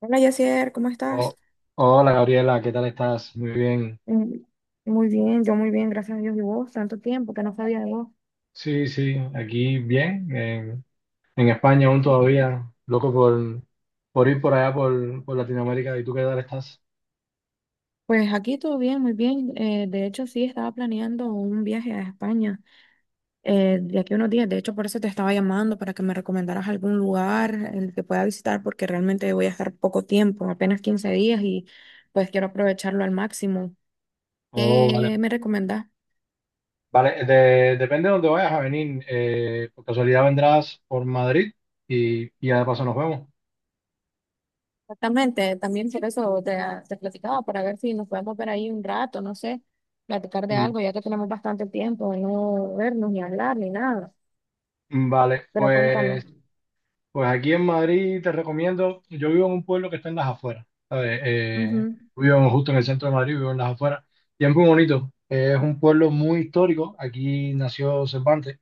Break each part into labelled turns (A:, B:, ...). A: Hola Yacier, ¿cómo
B: Oh,
A: estás?
B: hola Gabriela, ¿qué tal estás? Muy bien.
A: Mm, muy bien, yo muy bien, gracias a Dios. ¿Y vos? Tanto tiempo que no sabía de vos.
B: Sí, sí, aquí bien. En España aún todavía, loco por ir por allá, por Latinoamérica. ¿Y tú qué tal estás?
A: Pues aquí todo bien, muy bien. De hecho, sí, estaba planeando un viaje a España de aquí a unos días. De hecho, por eso te estaba llamando para que me recomendaras algún lugar en el que pueda visitar porque realmente voy a estar poco tiempo, apenas 15 días y pues quiero aprovecharlo al máximo.
B: Oh, vale.
A: ¿Qué me recomendás?
B: Vale, depende de dónde vayas a venir. Por casualidad vendrás por Madrid y ya de paso nos vemos.
A: Exactamente, también por te platicaba, para ver si nos podemos ver ahí un rato, no sé, platicar de
B: Mm,
A: algo, ya que tenemos bastante tiempo de no vernos ni hablar ni nada.
B: Vale,
A: Pero cuéntame.
B: pues pues aquí en Madrid te recomiendo, yo vivo en un pueblo que está en las afueras, ¿sabes?
A: Ujú,
B: Vivo justo en el centro de Madrid, vivo en las afueras, y es muy bonito. Es un pueblo muy histórico, aquí nació Cervantes,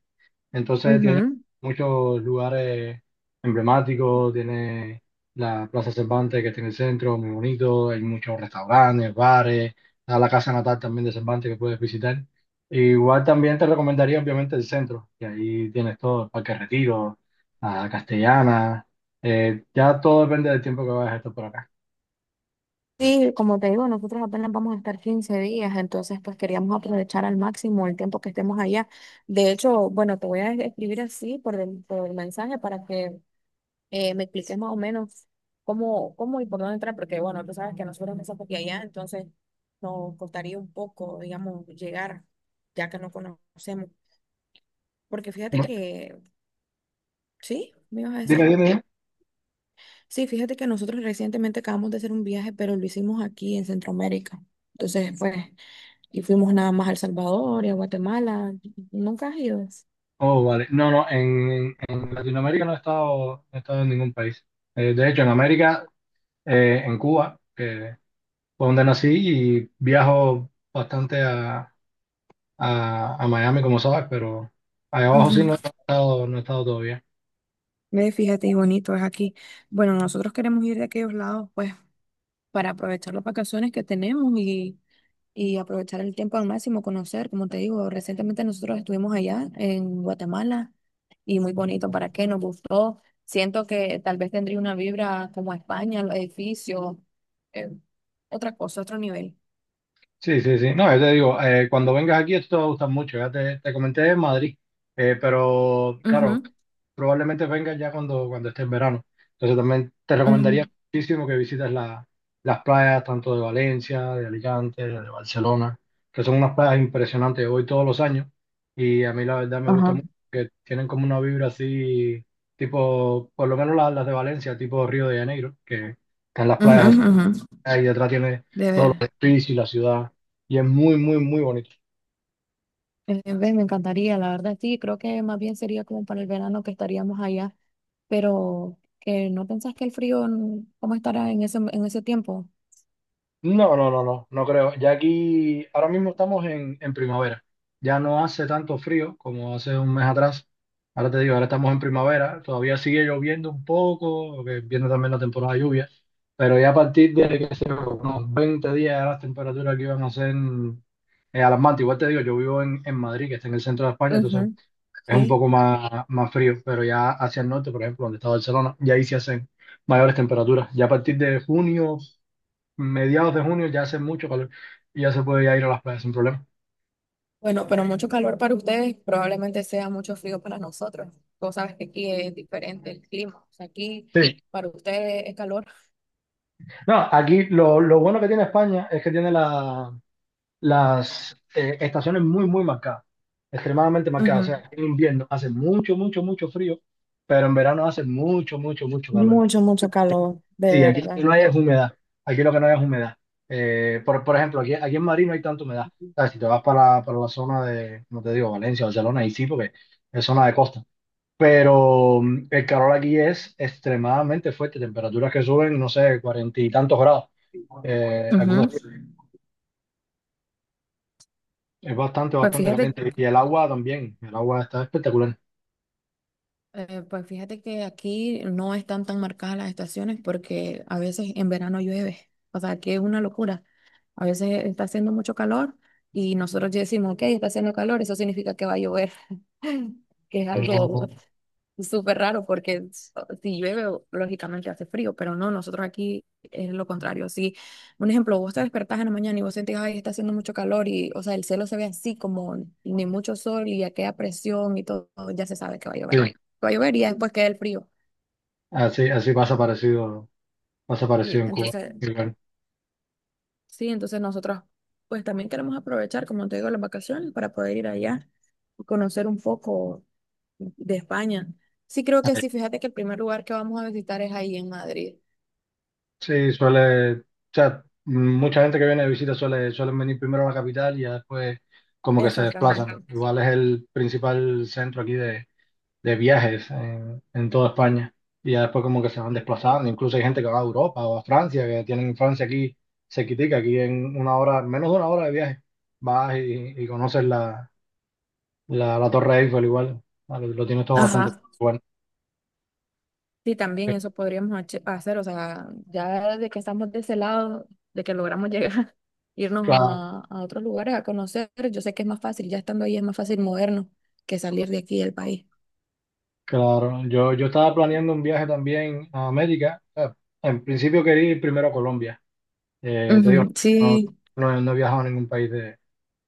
B: entonces tiene
A: ujú.
B: muchos lugares emblemáticos, tiene la Plaza Cervantes que tiene el centro, muy bonito, hay muchos restaurantes, bares, está la casa natal también de Cervantes que puedes visitar. Igual también te recomendaría obviamente el centro, que ahí tienes todo, el Parque Retiro, la Castellana, ya todo depende del tiempo que vayas a estar por acá.
A: Sí, como te digo, nosotros apenas vamos a estar 15 días, entonces pues queríamos aprovechar al máximo el tiempo que estemos allá. De hecho, bueno, te voy a escribir así por el mensaje para que me expliques más o menos cómo y por dónde entrar, porque bueno, tú sabes que nosotros empezamos aquí allá, entonces nos costaría un poco, digamos, llegar, ya que no conocemos. Porque fíjate
B: No,
A: que, sí, me ibas a
B: dime,
A: decir.
B: dime, dime.
A: Sí, fíjate que nosotros recientemente acabamos de hacer un viaje, pero lo hicimos aquí en Centroamérica. Entonces, pues, y fuimos nada más a El Salvador y a Guatemala. ¿Nunca has ido?
B: Oh, vale. No, no, en Latinoamérica no he estado, no he estado en ningún país. De hecho, en América en Cuba, que fue donde nací y viajo bastante a Miami, como sabes, pero allá abajo sí
A: Ujú.
B: no he estado, no he estado todavía.
A: Ve, fíjate, y bonito es aquí. Bueno, nosotros queremos ir de aquellos lados, pues, para aprovechar las vacaciones que tenemos y aprovechar el tiempo al máximo, conocer, como te digo, recientemente nosotros estuvimos allá en Guatemala y muy bonito, ¿para qué? Nos gustó. Siento que tal vez tendría una vibra como España, los edificios, eh, otra cosa, otro nivel.
B: Sí, sí, sí. No, yo te digo, cuando vengas aquí esto te va a gustar mucho. Ya te comenté en Madrid. Pero claro,
A: Ujú,
B: probablemente vengas ya cuando esté en verano. Entonces también te recomendaría
A: ujú,
B: muchísimo que visites las playas tanto de Valencia, de Alicante, de Barcelona, que son unas playas impresionantes. Yo voy todos los años y a mí la verdad me gusta
A: ajá.
B: mucho que tienen como una vibra así, tipo, por lo menos las de Valencia, tipo Río de Janeiro, que están las
A: Ujú,
B: playas.
A: ujú.
B: Ah, y detrás tiene
A: De
B: todos
A: ver.
B: los edificios y la ciudad. Y es muy, muy, muy bonito.
A: Ves, me encantaría, la verdad, sí, creo que más bien sería como para el verano que estaríamos allá, pero que no pensás que el frío, mm, ¿cómo estará en en ese tiempo?
B: No, no, no, no, no creo. Ya aquí, ahora mismo estamos en primavera. Ya no hace tanto frío como hace un mes atrás. Ahora te digo, ahora estamos en primavera. Todavía sigue lloviendo un poco, que viene también la temporada de lluvia. Pero ya a partir de, qué sé yo, unos 20 días, ya las temperaturas aquí van a ser alarmantes. Igual te digo, yo vivo en Madrid, que está en el centro de España, entonces
A: Ujú,
B: es un
A: sí.
B: poco más frío, pero ya hacia el norte, por ejemplo, donde está Barcelona, ya ahí se hacen mayores temperaturas. Ya a partir de junio, mediados de junio, ya hace mucho calor y ya se puede ya ir a las playas sin problema.
A: Bueno, pero mucho calor para ustedes, probablemente sea mucho frío para nosotros. Vos sabes que aquí es diferente el clima. O sea, aquí
B: Sí.
A: para ustedes es calor.
B: No, aquí lo bueno que tiene España es que tiene las estaciones muy, muy marcadas, extremadamente marcadas.
A: Ujú,
B: O sea, en invierno hace mucho, mucho, mucho frío, pero en verano hace mucho, mucho, mucho calor.
A: mucho, mucho calor, de
B: Sí, aquí lo que
A: verdad.
B: no hay es humedad. Aquí lo que no hay es humedad. Por ejemplo, aquí en Madrid no hay tanta humedad. ¿Sabes? Si te vas para la zona de, no te digo, Valencia, Barcelona, ahí sí, porque es zona de costa. Pero el calor aquí es extremadamente fuerte. Temperaturas que suben, no sé, 40 y tantos grados. Algunos días.
A: Ujú.
B: Es bastante,
A: Pues
B: bastante caliente. Y el agua también. El agua está espectacular.
A: fíjate que aquí no están tan marcadas las estaciones porque a veces en verano llueve. O sea, aquí es una locura. A veces está haciendo mucho calor y nosotros ya decimos, ok, está haciendo calor, eso significa que va a llover, que es algo
B: No,
A: súper raro porque si llueve, lógicamente hace frío, pero no, nosotros aquí es lo contrario. Si, un ejemplo, vos te despertás en la mañana y vos sentís, ay, está haciendo mucho calor y, o sea, el cielo se ve así como ni mucho sol y aquella presión y todo, ya se sabe que va a
B: sí,
A: llover. Va a llover y ya después queda el frío.
B: así, así pasa
A: sí
B: parecido en Cuba.
A: entonces, sí, entonces nosotros pues también queremos aprovechar, como te digo, las vacaciones para poder ir allá y conocer un poco de España. Sí, creo que sí, fíjate que el primer lugar que vamos a visitar es ahí en Madrid.
B: Sí, suele, o sea, mucha gente que viene de visita suele, suelen venir primero a la capital y ya después como que se
A: Exactamente.
B: desplazan.
A: Mm.
B: Igual es el principal centro aquí de viajes en toda España. Y ya después como que se van desplazando. Incluso hay gente que va a Europa o a Francia, que tienen Francia aquí cerquitica, aquí en una hora, menos de una hora de viaje. Vas y conoces la Torre Eiffel igual. Lo tienes todo bastante
A: Ajá.
B: bueno.
A: Sí, también eso podríamos hacer, o sea, ya de que estamos de ese lado, de que logramos llegar, irnos
B: Claro.
A: a otros lugares a conocer, yo sé que es más fácil, ya estando ahí es más fácil movernos que salir de aquí del país.
B: Claro, yo estaba planeando un viaje también a América. En principio quería ir primero a Colombia. Te digo,
A: Ujú, sí,
B: no, no he viajado a ningún país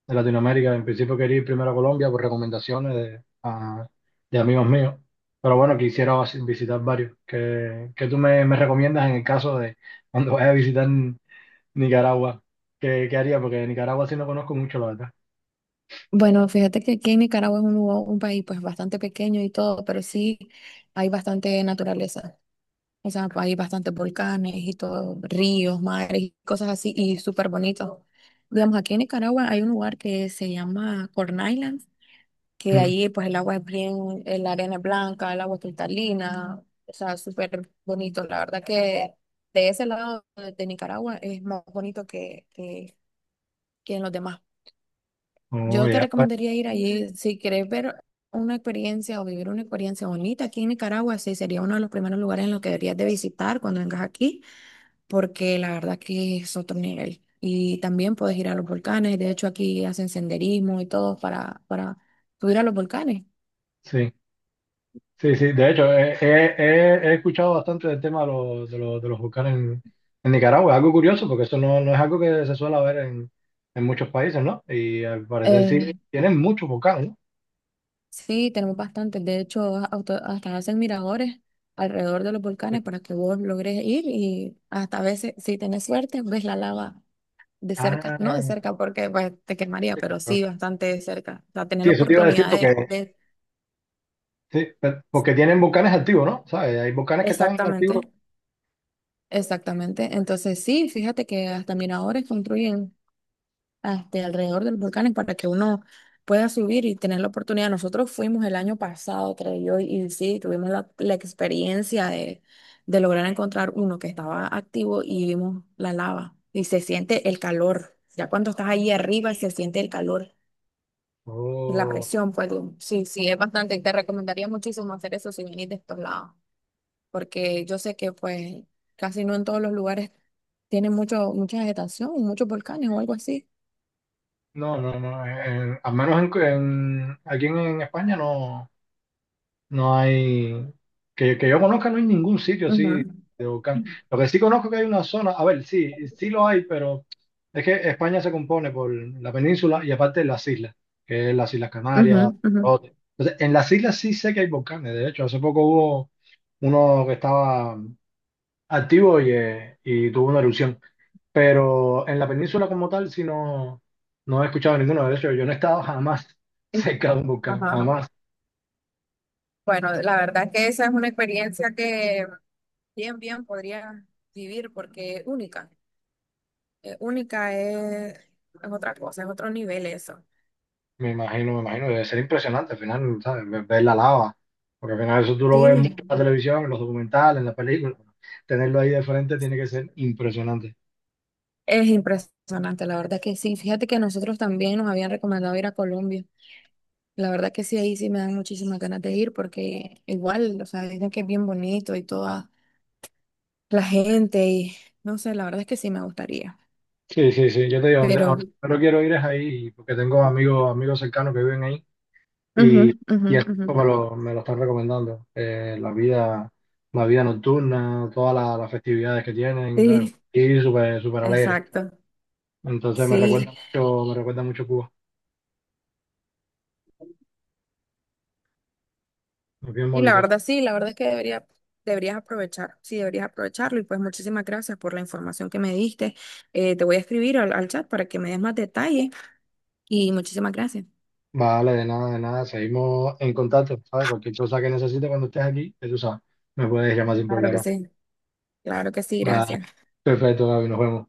B: de Latinoamérica. En principio quería ir primero a Colombia por recomendaciones de amigos míos. Pero bueno, quisiera visitar varios. ¿Qué, qué tú me recomiendas en el caso de cuando vaya a visitar Nicaragua? ¿Qué, qué haría? Porque Nicaragua sí no conozco mucho, la verdad.
A: bueno, fíjate que aquí en Nicaragua es un país pues bastante pequeño y todo, pero sí hay bastante naturaleza. O sea, pues, hay bastantes volcanes y todo, ríos, mares, y cosas así, y súper bonito. Digamos, aquí en Nicaragua hay un lugar que se llama Corn Island, que de
B: Mm.
A: ahí pues el agua es bien, la arena es blanca, el agua es cristalina, o sea, súper bonito. La verdad que de ese lado de Nicaragua es más bonito que en los demás.
B: Oh,
A: Yo te
B: ya.
A: recomendaría ir allí si quieres ver una experiencia o vivir una experiencia bonita aquí en Nicaragua, sí, sería uno de los primeros lugares en los que deberías de visitar cuando vengas aquí porque la verdad que es otro nivel. Y también puedes ir a los volcanes, de hecho aquí hacen senderismo y todo para subir a los volcanes.
B: Sí. Sí, sí, de hecho, he escuchado bastante del tema de, los de los volcanes en Nicaragua. Es algo curioso porque eso no, no es algo que se suele ver en muchos países, ¿no? Y al parecer sí
A: Eh,
B: tienen muchos volcanes, ¿no?
A: sí, tenemos bastantes, de hecho hasta hacen miradores alrededor de los volcanes para que vos logres ir y hasta a veces, si tenés suerte, ves la lava de cerca, no de
B: Ah,
A: cerca porque pues, te quemaría,
B: sí,
A: pero
B: claro.
A: sí bastante de cerca, o sea, tener
B: Sí,
A: la
B: eso te iba a decir
A: oportunidad
B: porque,
A: de-
B: sí, porque tienen volcanes activos, ¿no? ¿Sabes? Hay volcanes que están
A: Exactamente,
B: activos.
A: exactamente. Entonces sí, fíjate que hasta miradores construyen. Este, alrededor de los volcanes para que uno pueda subir y tener la oportunidad. Nosotros fuimos el año pasado, creo yo, y sí, tuvimos la experiencia de lograr encontrar uno que estaba activo y vimos la lava y se siente el calor. Ya cuando estás ahí arriba se siente el calor, la
B: Oh,
A: presión, pues sí, sí, es bastante. Te recomendaría muchísimo hacer eso si venís de estos lados, porque yo sé que pues casi no en todos los lugares tienen mucho, mucha vegetación, muchos volcanes o algo así.
B: no, no, no. Al menos aquí en España no. No hay, que yo conozca, no hay ningún sitio así de volcán.
A: Ujú.
B: Lo que sí conozco que hay una zona, a ver, sí, sí lo hay, pero es que España se compone por la península y aparte las islas, que es las Islas
A: Ujú,
B: Canarias,
A: ujú.
B: Lanzarote. Entonces, en las islas sí sé que hay volcanes. De hecho, hace poco hubo uno que estaba activo y tuvo una erupción. Pero en la península como tal, sí no, no he escuchado ninguno. De hecho, yo no he estado jamás
A: Entiendo.
B: cerca de un volcán,
A: Ajá.
B: jamás.
A: Bueno, la verdad que esa es una experiencia que bien, bien podría vivir porque es única. Única es otra cosa, es otro nivel eso.
B: Me imagino, debe ser impresionante al final, ¿sabes? Ver, ver la lava, porque al final eso tú lo ves mucho en
A: Sí,
B: la televisión, en los documentales, en las películas. Tenerlo ahí de frente tiene que ser impresionante.
A: es impresionante, la verdad que sí. Fíjate que nosotros también nos habían recomendado ir a Colombia. La verdad que sí, ahí sí me dan muchísimas ganas de ir porque igual, o sea, dicen que es bien bonito y toda la gente y no sé, la verdad es que sí me gustaría.
B: Sí, sí, sí, yo te digo, donde, a
A: Pero...
B: donde primero quiero ir es ahí, porque tengo amigos, amigos cercanos que viven ahí
A: Ujú,
B: y,
A: ujú,
B: y eso
A: ujú.
B: me lo están recomendando. La vida nocturna, todas las festividades que tienen, ¿sabes?
A: Sí.
B: Y súper, súper alegre.
A: Exacto.
B: Entonces
A: Sí.
B: me recuerda mucho Cuba. Es bien
A: Y la
B: bonito.
A: verdad, sí, la verdad es que deberías aprovechar, sí, deberías aprovecharlo. Y pues muchísimas gracias por la información que me diste. Te voy a escribir al chat para que me des más detalles. Y muchísimas gracias.
B: Vale, de nada, de nada. Seguimos en contacto, ¿sabes? Cualquier cosa que necesites cuando estés aquí, ya tú sabes, me puedes llamar sin
A: Claro que
B: problema.
A: sí, claro que sí,
B: Vale,
A: gracias.
B: perfecto, Gaby, nos vemos.